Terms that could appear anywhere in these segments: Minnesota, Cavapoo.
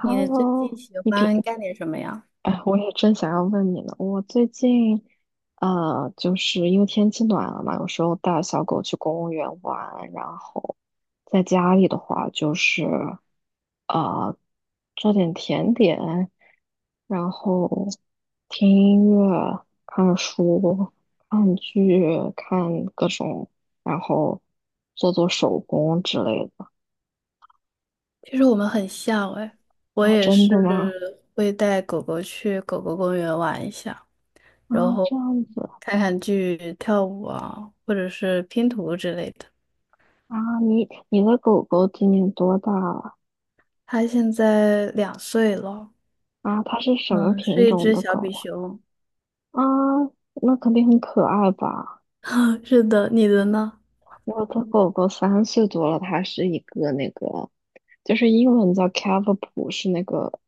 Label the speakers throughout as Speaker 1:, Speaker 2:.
Speaker 1: 你最近 喜
Speaker 2: 你平，
Speaker 1: 欢干点什么呀？
Speaker 2: 哎，我也正想要问你呢。我最近，就是因为天气暖了嘛，有时候带小狗去公园玩，然后在家里的话就是，呃，做点甜点，然后听音乐、看书、看剧、看各种，然后做做手工之类的。
Speaker 1: 其实我们很像哎，我
Speaker 2: 然后
Speaker 1: 也
Speaker 2: 真
Speaker 1: 是
Speaker 2: 的吗？
Speaker 1: 会带狗狗去狗狗公园玩一下，
Speaker 2: 啊，
Speaker 1: 然
Speaker 2: 这
Speaker 1: 后
Speaker 2: 样子。
Speaker 1: 看看剧、跳舞啊，或者是拼图之类的。
Speaker 2: 啊，你的狗狗今年多大了？
Speaker 1: 它现在2岁了，
Speaker 2: 啊，它是什么
Speaker 1: 嗯，
Speaker 2: 品
Speaker 1: 是一
Speaker 2: 种
Speaker 1: 只
Speaker 2: 的
Speaker 1: 小
Speaker 2: 狗
Speaker 1: 比
Speaker 2: 呀？
Speaker 1: 熊。
Speaker 2: 啊，那肯定很可爱吧？
Speaker 1: 是的，你的呢？
Speaker 2: 我的狗狗3岁多了，它是一个那个，就是英文叫 Cavapoo，是那个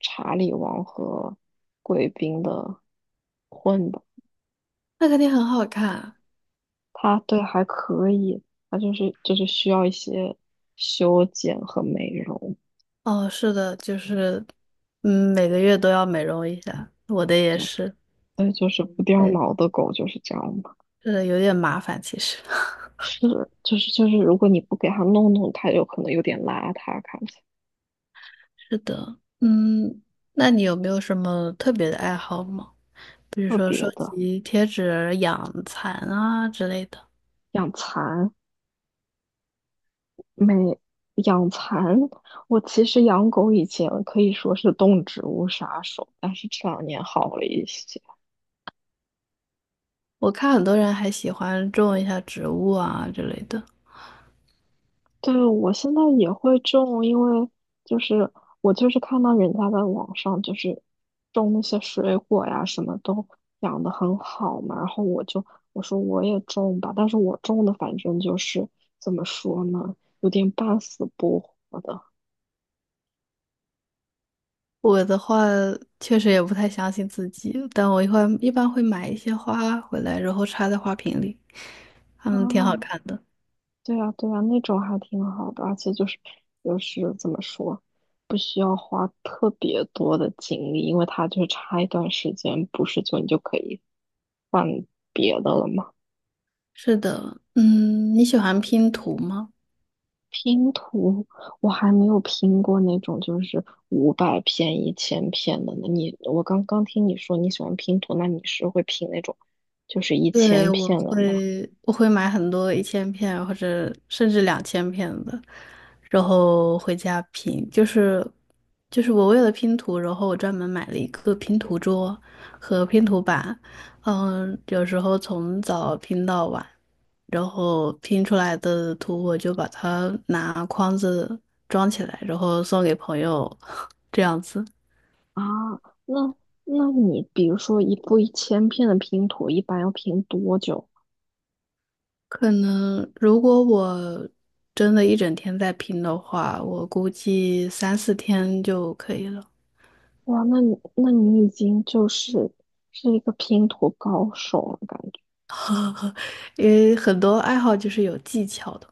Speaker 2: 查理王和贵宾的混的。
Speaker 1: 那肯定很好看。
Speaker 2: 它对还可以，它就是需要一些修剪和美容，
Speaker 1: 哦，是的，就是，嗯，每个月都要美容一下，我的也
Speaker 2: 对，
Speaker 1: 是，
Speaker 2: 所以就是不掉
Speaker 1: 哎，
Speaker 2: 毛的狗就是这样嘛。
Speaker 1: 这个有点麻烦其实。
Speaker 2: 是，就是，如果你不给它弄弄，它有可能有点邋遢，看起来
Speaker 1: 是的，嗯，那你有没有什么特别的爱好吗？比如
Speaker 2: 特
Speaker 1: 说收
Speaker 2: 别的。
Speaker 1: 集贴纸、养蚕啊之类的。
Speaker 2: 养蚕没养蚕，我其实养狗以前可以说是动植物杀手，但是这两年好了一些。
Speaker 1: 我看很多人还喜欢种一下植物啊之类的。
Speaker 2: 对，我现在也会种，因为就是我看到人家在网上就是种那些水果呀，什么都养得很好嘛，然后我就我说我也种吧，但是我种的反正就是怎么说呢，有点半死不活的
Speaker 1: 我的话，确实也不太相信自己，但我一会一般会买一些花回来，然后插在花瓶里，它们挺好
Speaker 2: 啊，
Speaker 1: 看的。
Speaker 2: 对呀对呀，那种还挺好的，而且就是就是怎么说，不需要花特别多的精力，因为它就是插一段时间，不是就你就可以换别的了嘛。
Speaker 1: 是的，嗯，你喜欢拼图吗？
Speaker 2: 拼图我还没有拼过那种就是500片、一千片的呢。我刚刚听你说你喜欢拼图，那你是会拼那种就是一
Speaker 1: 对，
Speaker 2: 千
Speaker 1: 我
Speaker 2: 片的吗？
Speaker 1: 会我会买很多1000片或者甚至2000片的，然后回家拼。就是我为了拼图，然后我专门买了一个拼图桌和拼图板，嗯，有时候从早拼到晚，然后拼出来的图我就把它拿筐子装起来，然后送给朋友，这样子。
Speaker 2: 啊，那那你比如说一部一千片的拼图，一般要拼多久？
Speaker 1: 可能如果我真的一整天在拼的话，我估计三四天就可以了，
Speaker 2: 哇，那你已经就是是一个拼图高手了，感觉。
Speaker 1: 因为很多爱好就是有技巧的。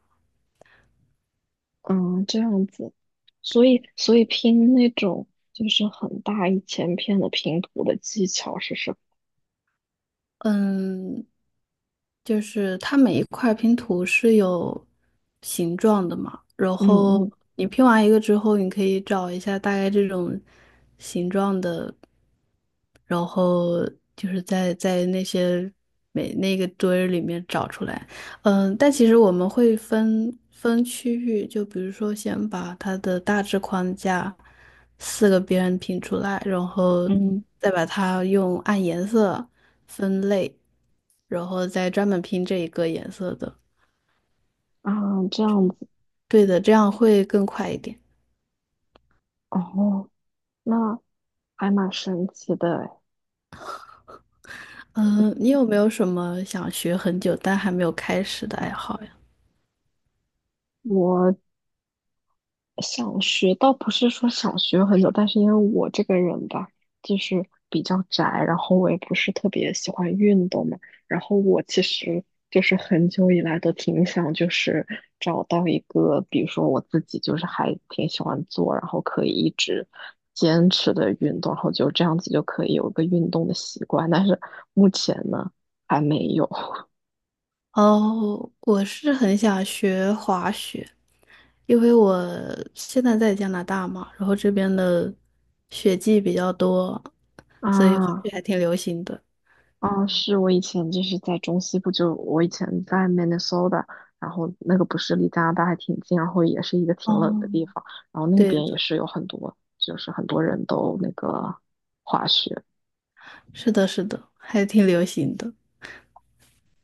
Speaker 2: 嗯，这样子，所以拼那种就是很大一千片的拼图的技巧是什么？
Speaker 1: 嗯，就是它每一块拼图是有形状的嘛，然
Speaker 2: 嗯
Speaker 1: 后
Speaker 2: 嗯
Speaker 1: 你拼完一个之后，你可以找一下大概这种形状的，然后就是在那些每那个堆儿里面找出来。嗯，但其实我们会分区域，就比如说先把它的大致框架四个边拼出来，然后
Speaker 2: 嗯
Speaker 1: 再把它用按颜色。分类，然后再专门拼这一个颜色的。
Speaker 2: 啊，这样子
Speaker 1: 对的，这样会更快一点。
Speaker 2: 哦，那还蛮神奇的诶。
Speaker 1: 嗯，你有没有什么想学很久但还没有开始的爱好呀？
Speaker 2: 我想学倒不是说想学很久，但是因为我这个人吧，就是比较宅，然后我也不是特别喜欢运动嘛，然后我其实就是很久以来都挺想就是找到一个，比如说我自己就是还挺喜欢做，然后可以一直坚持的运动，然后就这样子就可以有一个运动的习惯，但是目前呢还没有
Speaker 1: 哦，我是很想学滑雪，因为我现在在加拿大嘛，然后这边的雪季比较多，所以滑雪
Speaker 2: 啊。
Speaker 1: 还挺流行的。
Speaker 2: 哦，是我以前就是在中西部，我以前在 Minnesota，然后那个不是离加拿大还挺近，然后也是一个挺冷的
Speaker 1: 哦，
Speaker 2: 地方，然后那
Speaker 1: 对
Speaker 2: 边也
Speaker 1: 的，
Speaker 2: 是有很多，就是很多人都那个滑雪。
Speaker 1: 是的，是的，还挺流行的。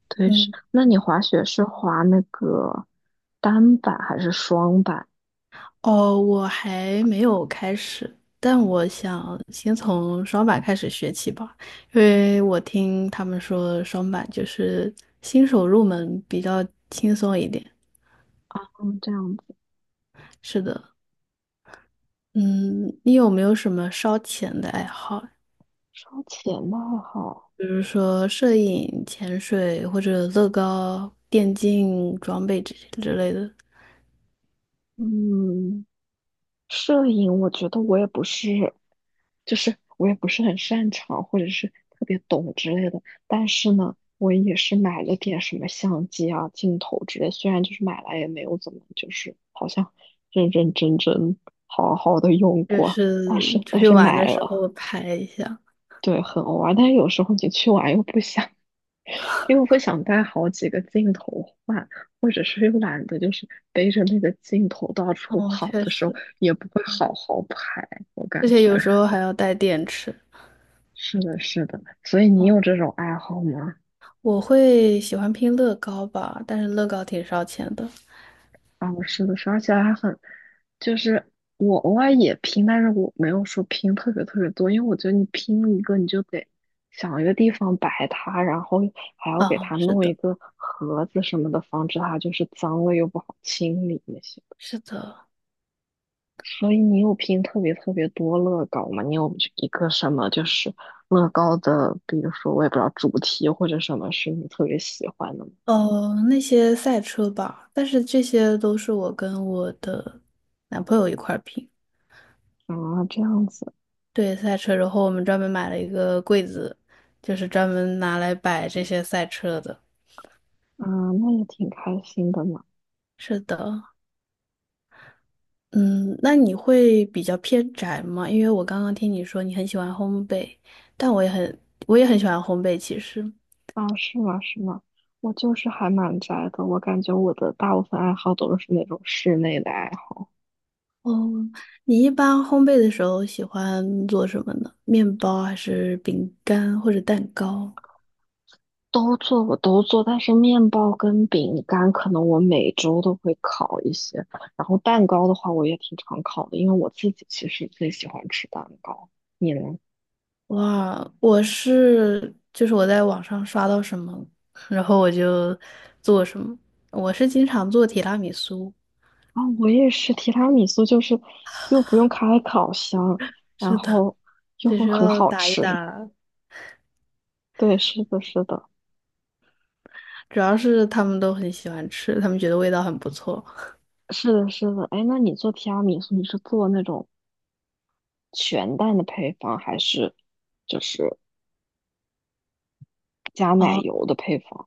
Speaker 2: 对，是，
Speaker 1: 嗯，
Speaker 2: 那你滑雪是滑那个单板还是双板？
Speaker 1: 哦，我还没有开始，但我想先从双板开始学起吧，因为我听他们说双板就是新手入门比较轻松一点。
Speaker 2: 嗯，这样子，
Speaker 1: 是的，嗯，你有没有什么烧钱的爱好？
Speaker 2: 双前的还
Speaker 1: 比如说摄影、潜水或者乐高、电竞装备这些之类的，
Speaker 2: 嗯，摄影，我觉得我也不是，就是我也不是很擅长，或者是特别懂之类的。但是呢，我也是买了点什么相机啊、镜头之类，虽然就是买来也没有怎么，就是好像认认真真、好好的用
Speaker 1: 就
Speaker 2: 过。但
Speaker 1: 是
Speaker 2: 是
Speaker 1: 出
Speaker 2: 但
Speaker 1: 去
Speaker 2: 是
Speaker 1: 玩
Speaker 2: 买
Speaker 1: 的时
Speaker 2: 了，
Speaker 1: 候拍一下。
Speaker 2: 对，很偶尔。但是有时候你去玩又不想，因为不想带好几个镜头换，或者是又懒得就是背着那个镜头到处
Speaker 1: 哦，
Speaker 2: 跑
Speaker 1: 确
Speaker 2: 的时候，
Speaker 1: 实，
Speaker 2: 也不会好好拍，我感
Speaker 1: 而且
Speaker 2: 觉。
Speaker 1: 有时候 还要带电池。
Speaker 2: 是的，是的，所以你
Speaker 1: 哦。
Speaker 2: 有这种爱好吗？
Speaker 1: 我会喜欢拼乐高吧，但是乐高挺烧钱的。
Speaker 2: 啊，是的，是的，而且还很，就是我偶尔也拼，但是我没有说拼特别特别多，因为我觉得你拼一个你就得想一个地方摆它，然后还要给
Speaker 1: 啊，
Speaker 2: 它
Speaker 1: 是
Speaker 2: 弄一
Speaker 1: 的，
Speaker 2: 个盒子什么的，防止它就是脏了又不好清理那些。
Speaker 1: 是的，
Speaker 2: 所以你有拼特别特别多乐高吗？你有一个什么就是乐高的，比如说我也不知道主题或者什么是你特别喜欢的吗？
Speaker 1: 那些赛车吧，但是这些都是我跟我的男朋友一块儿拼。
Speaker 2: 啊，这样子，
Speaker 1: 对，赛车，然后我们专门买了一个柜子，就是专门拿来摆这些赛车的。
Speaker 2: 啊，那也挺开心的嘛。
Speaker 1: 是的，嗯，那你会比较偏宅吗？因为我刚刚听你说你很喜欢烘焙，但我也很喜欢烘焙，其实。
Speaker 2: 啊，是吗？是吗？我就是还蛮宅的，我感觉我的大部分爱好都是那种室内的爱好。
Speaker 1: 哦，你一般烘焙的时候喜欢做什么呢？面包还是饼干或者蛋糕？
Speaker 2: 都做，我都做，但是面包跟饼干可能我每周都会烤一些，然后蛋糕的话我也挺常烤的，因为我自己其实最喜欢吃蛋糕。你呢？
Speaker 1: 哇，我是就是我在网上刷到什么，然后我就做什么。我是经常做提拉米苏，
Speaker 2: 啊，我也是，提拉米苏就是又不用开烤箱，然
Speaker 1: 是的，
Speaker 2: 后又
Speaker 1: 只需
Speaker 2: 很
Speaker 1: 要
Speaker 2: 好
Speaker 1: 打一
Speaker 2: 吃。
Speaker 1: 打，
Speaker 2: 对，是的，是的，
Speaker 1: 主要是他们都很喜欢吃，他们觉得味道很不错。
Speaker 2: 是的，是的。哎，那你做提拉米苏，你是做那种全蛋的配方，还是就是加奶
Speaker 1: 哦，
Speaker 2: 油的配方？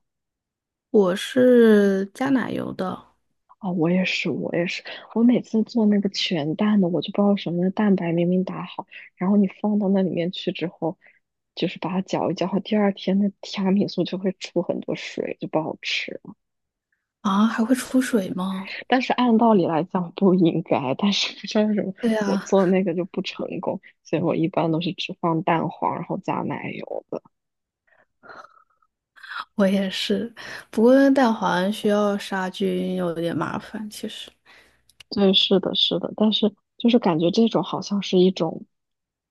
Speaker 1: 我是加奶油的
Speaker 2: 哦，我也是，我也是，我每次做那个全蛋的，我就不知道为什么，那蛋白明明打好，然后你放到那里面去之后，就是把它搅一搅，第二天那提拉米苏就会出很多水，就不好吃了
Speaker 1: 啊，还会出水吗？
Speaker 2: 但是按道理来讲不应该，但是不知道为什么
Speaker 1: 对
Speaker 2: 我
Speaker 1: 呀，
Speaker 2: 做那个就不成功，所以我一般都是只放蛋黄，然后加奶油的。
Speaker 1: 我也是，不过蛋黄需要杀菌，有点麻烦。其实，
Speaker 2: 对，是的，是的，但是就是感觉这种好像是一种，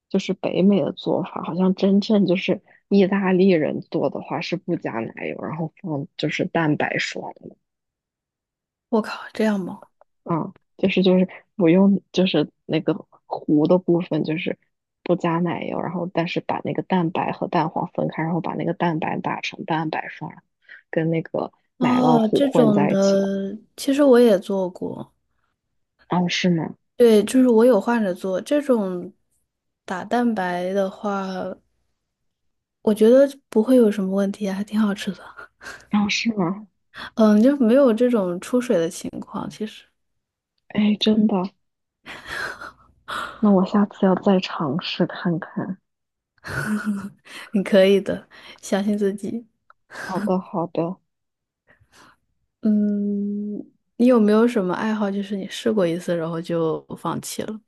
Speaker 2: 就是北美的做法，好像真正就是意大利人做的话是不加奶油，然后放就是蛋白霜的，
Speaker 1: 我靠，这样吗？
Speaker 2: 嗯，就是不用就是那个糊的部分就是不加奶油，然后但是把那个蛋白和蛋黄分开，然后把那个蛋白打成蛋白霜，跟那个奶酪
Speaker 1: 哦，
Speaker 2: 糊
Speaker 1: 这
Speaker 2: 混
Speaker 1: 种
Speaker 2: 在一起的，
Speaker 1: 的，其实我也做过。
Speaker 2: 哦，是吗？
Speaker 1: 对，就是我有换着做这种打蛋白的话，我觉得不会有什么问题啊还挺好吃的。
Speaker 2: 哦，是吗？
Speaker 1: 嗯，就没有这种出水的情况。其实，
Speaker 2: 哎，真的。那我下次要再尝试看看。
Speaker 1: 你可以的，相信自己。
Speaker 2: 好的，好的，
Speaker 1: 嗯，你有没有什么爱好，就是你试过一次，然后就放弃了？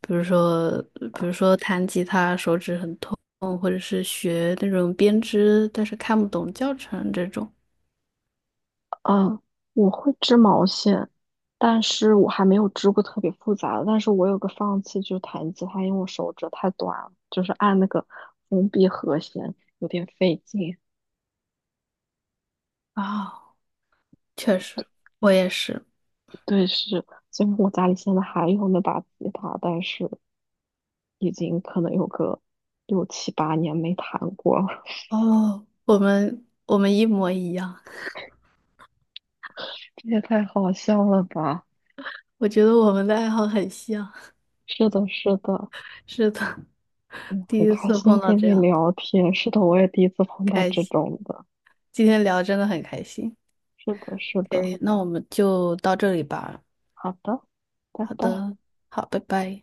Speaker 1: 比如说，比如说弹吉他手指很痛，或者是学那种编织，但是看不懂教程这种。
Speaker 2: 啊，我会织毛线，但是我还没有织过特别复杂的。但是我有个放弃，就是弹吉他，因为我手指太短了，就是按那个封闭和弦有点费劲。
Speaker 1: 啊、确实，我也是。
Speaker 2: 对，是，虽然我家里现在还有那把吉他，但是已经可能有个6、7、8年没弹过了。
Speaker 1: 哦，我们一模一样，
Speaker 2: 这也太好笑了吧！
Speaker 1: 我觉得我们的爱好很像。
Speaker 2: 是的，是的。
Speaker 1: 是的，
Speaker 2: 嗯，
Speaker 1: 第
Speaker 2: 很
Speaker 1: 一
Speaker 2: 开
Speaker 1: 次
Speaker 2: 心
Speaker 1: 碰到
Speaker 2: 跟
Speaker 1: 这
Speaker 2: 你
Speaker 1: 样，
Speaker 2: 聊天。是的，我也第一次碰到
Speaker 1: 开
Speaker 2: 这
Speaker 1: 心。
Speaker 2: 种的。
Speaker 1: 今天聊真的很开心。
Speaker 2: 是的，是的。
Speaker 1: OK，那我们就到这里吧。
Speaker 2: 好的，拜
Speaker 1: 好
Speaker 2: 拜。
Speaker 1: 的，好，拜拜。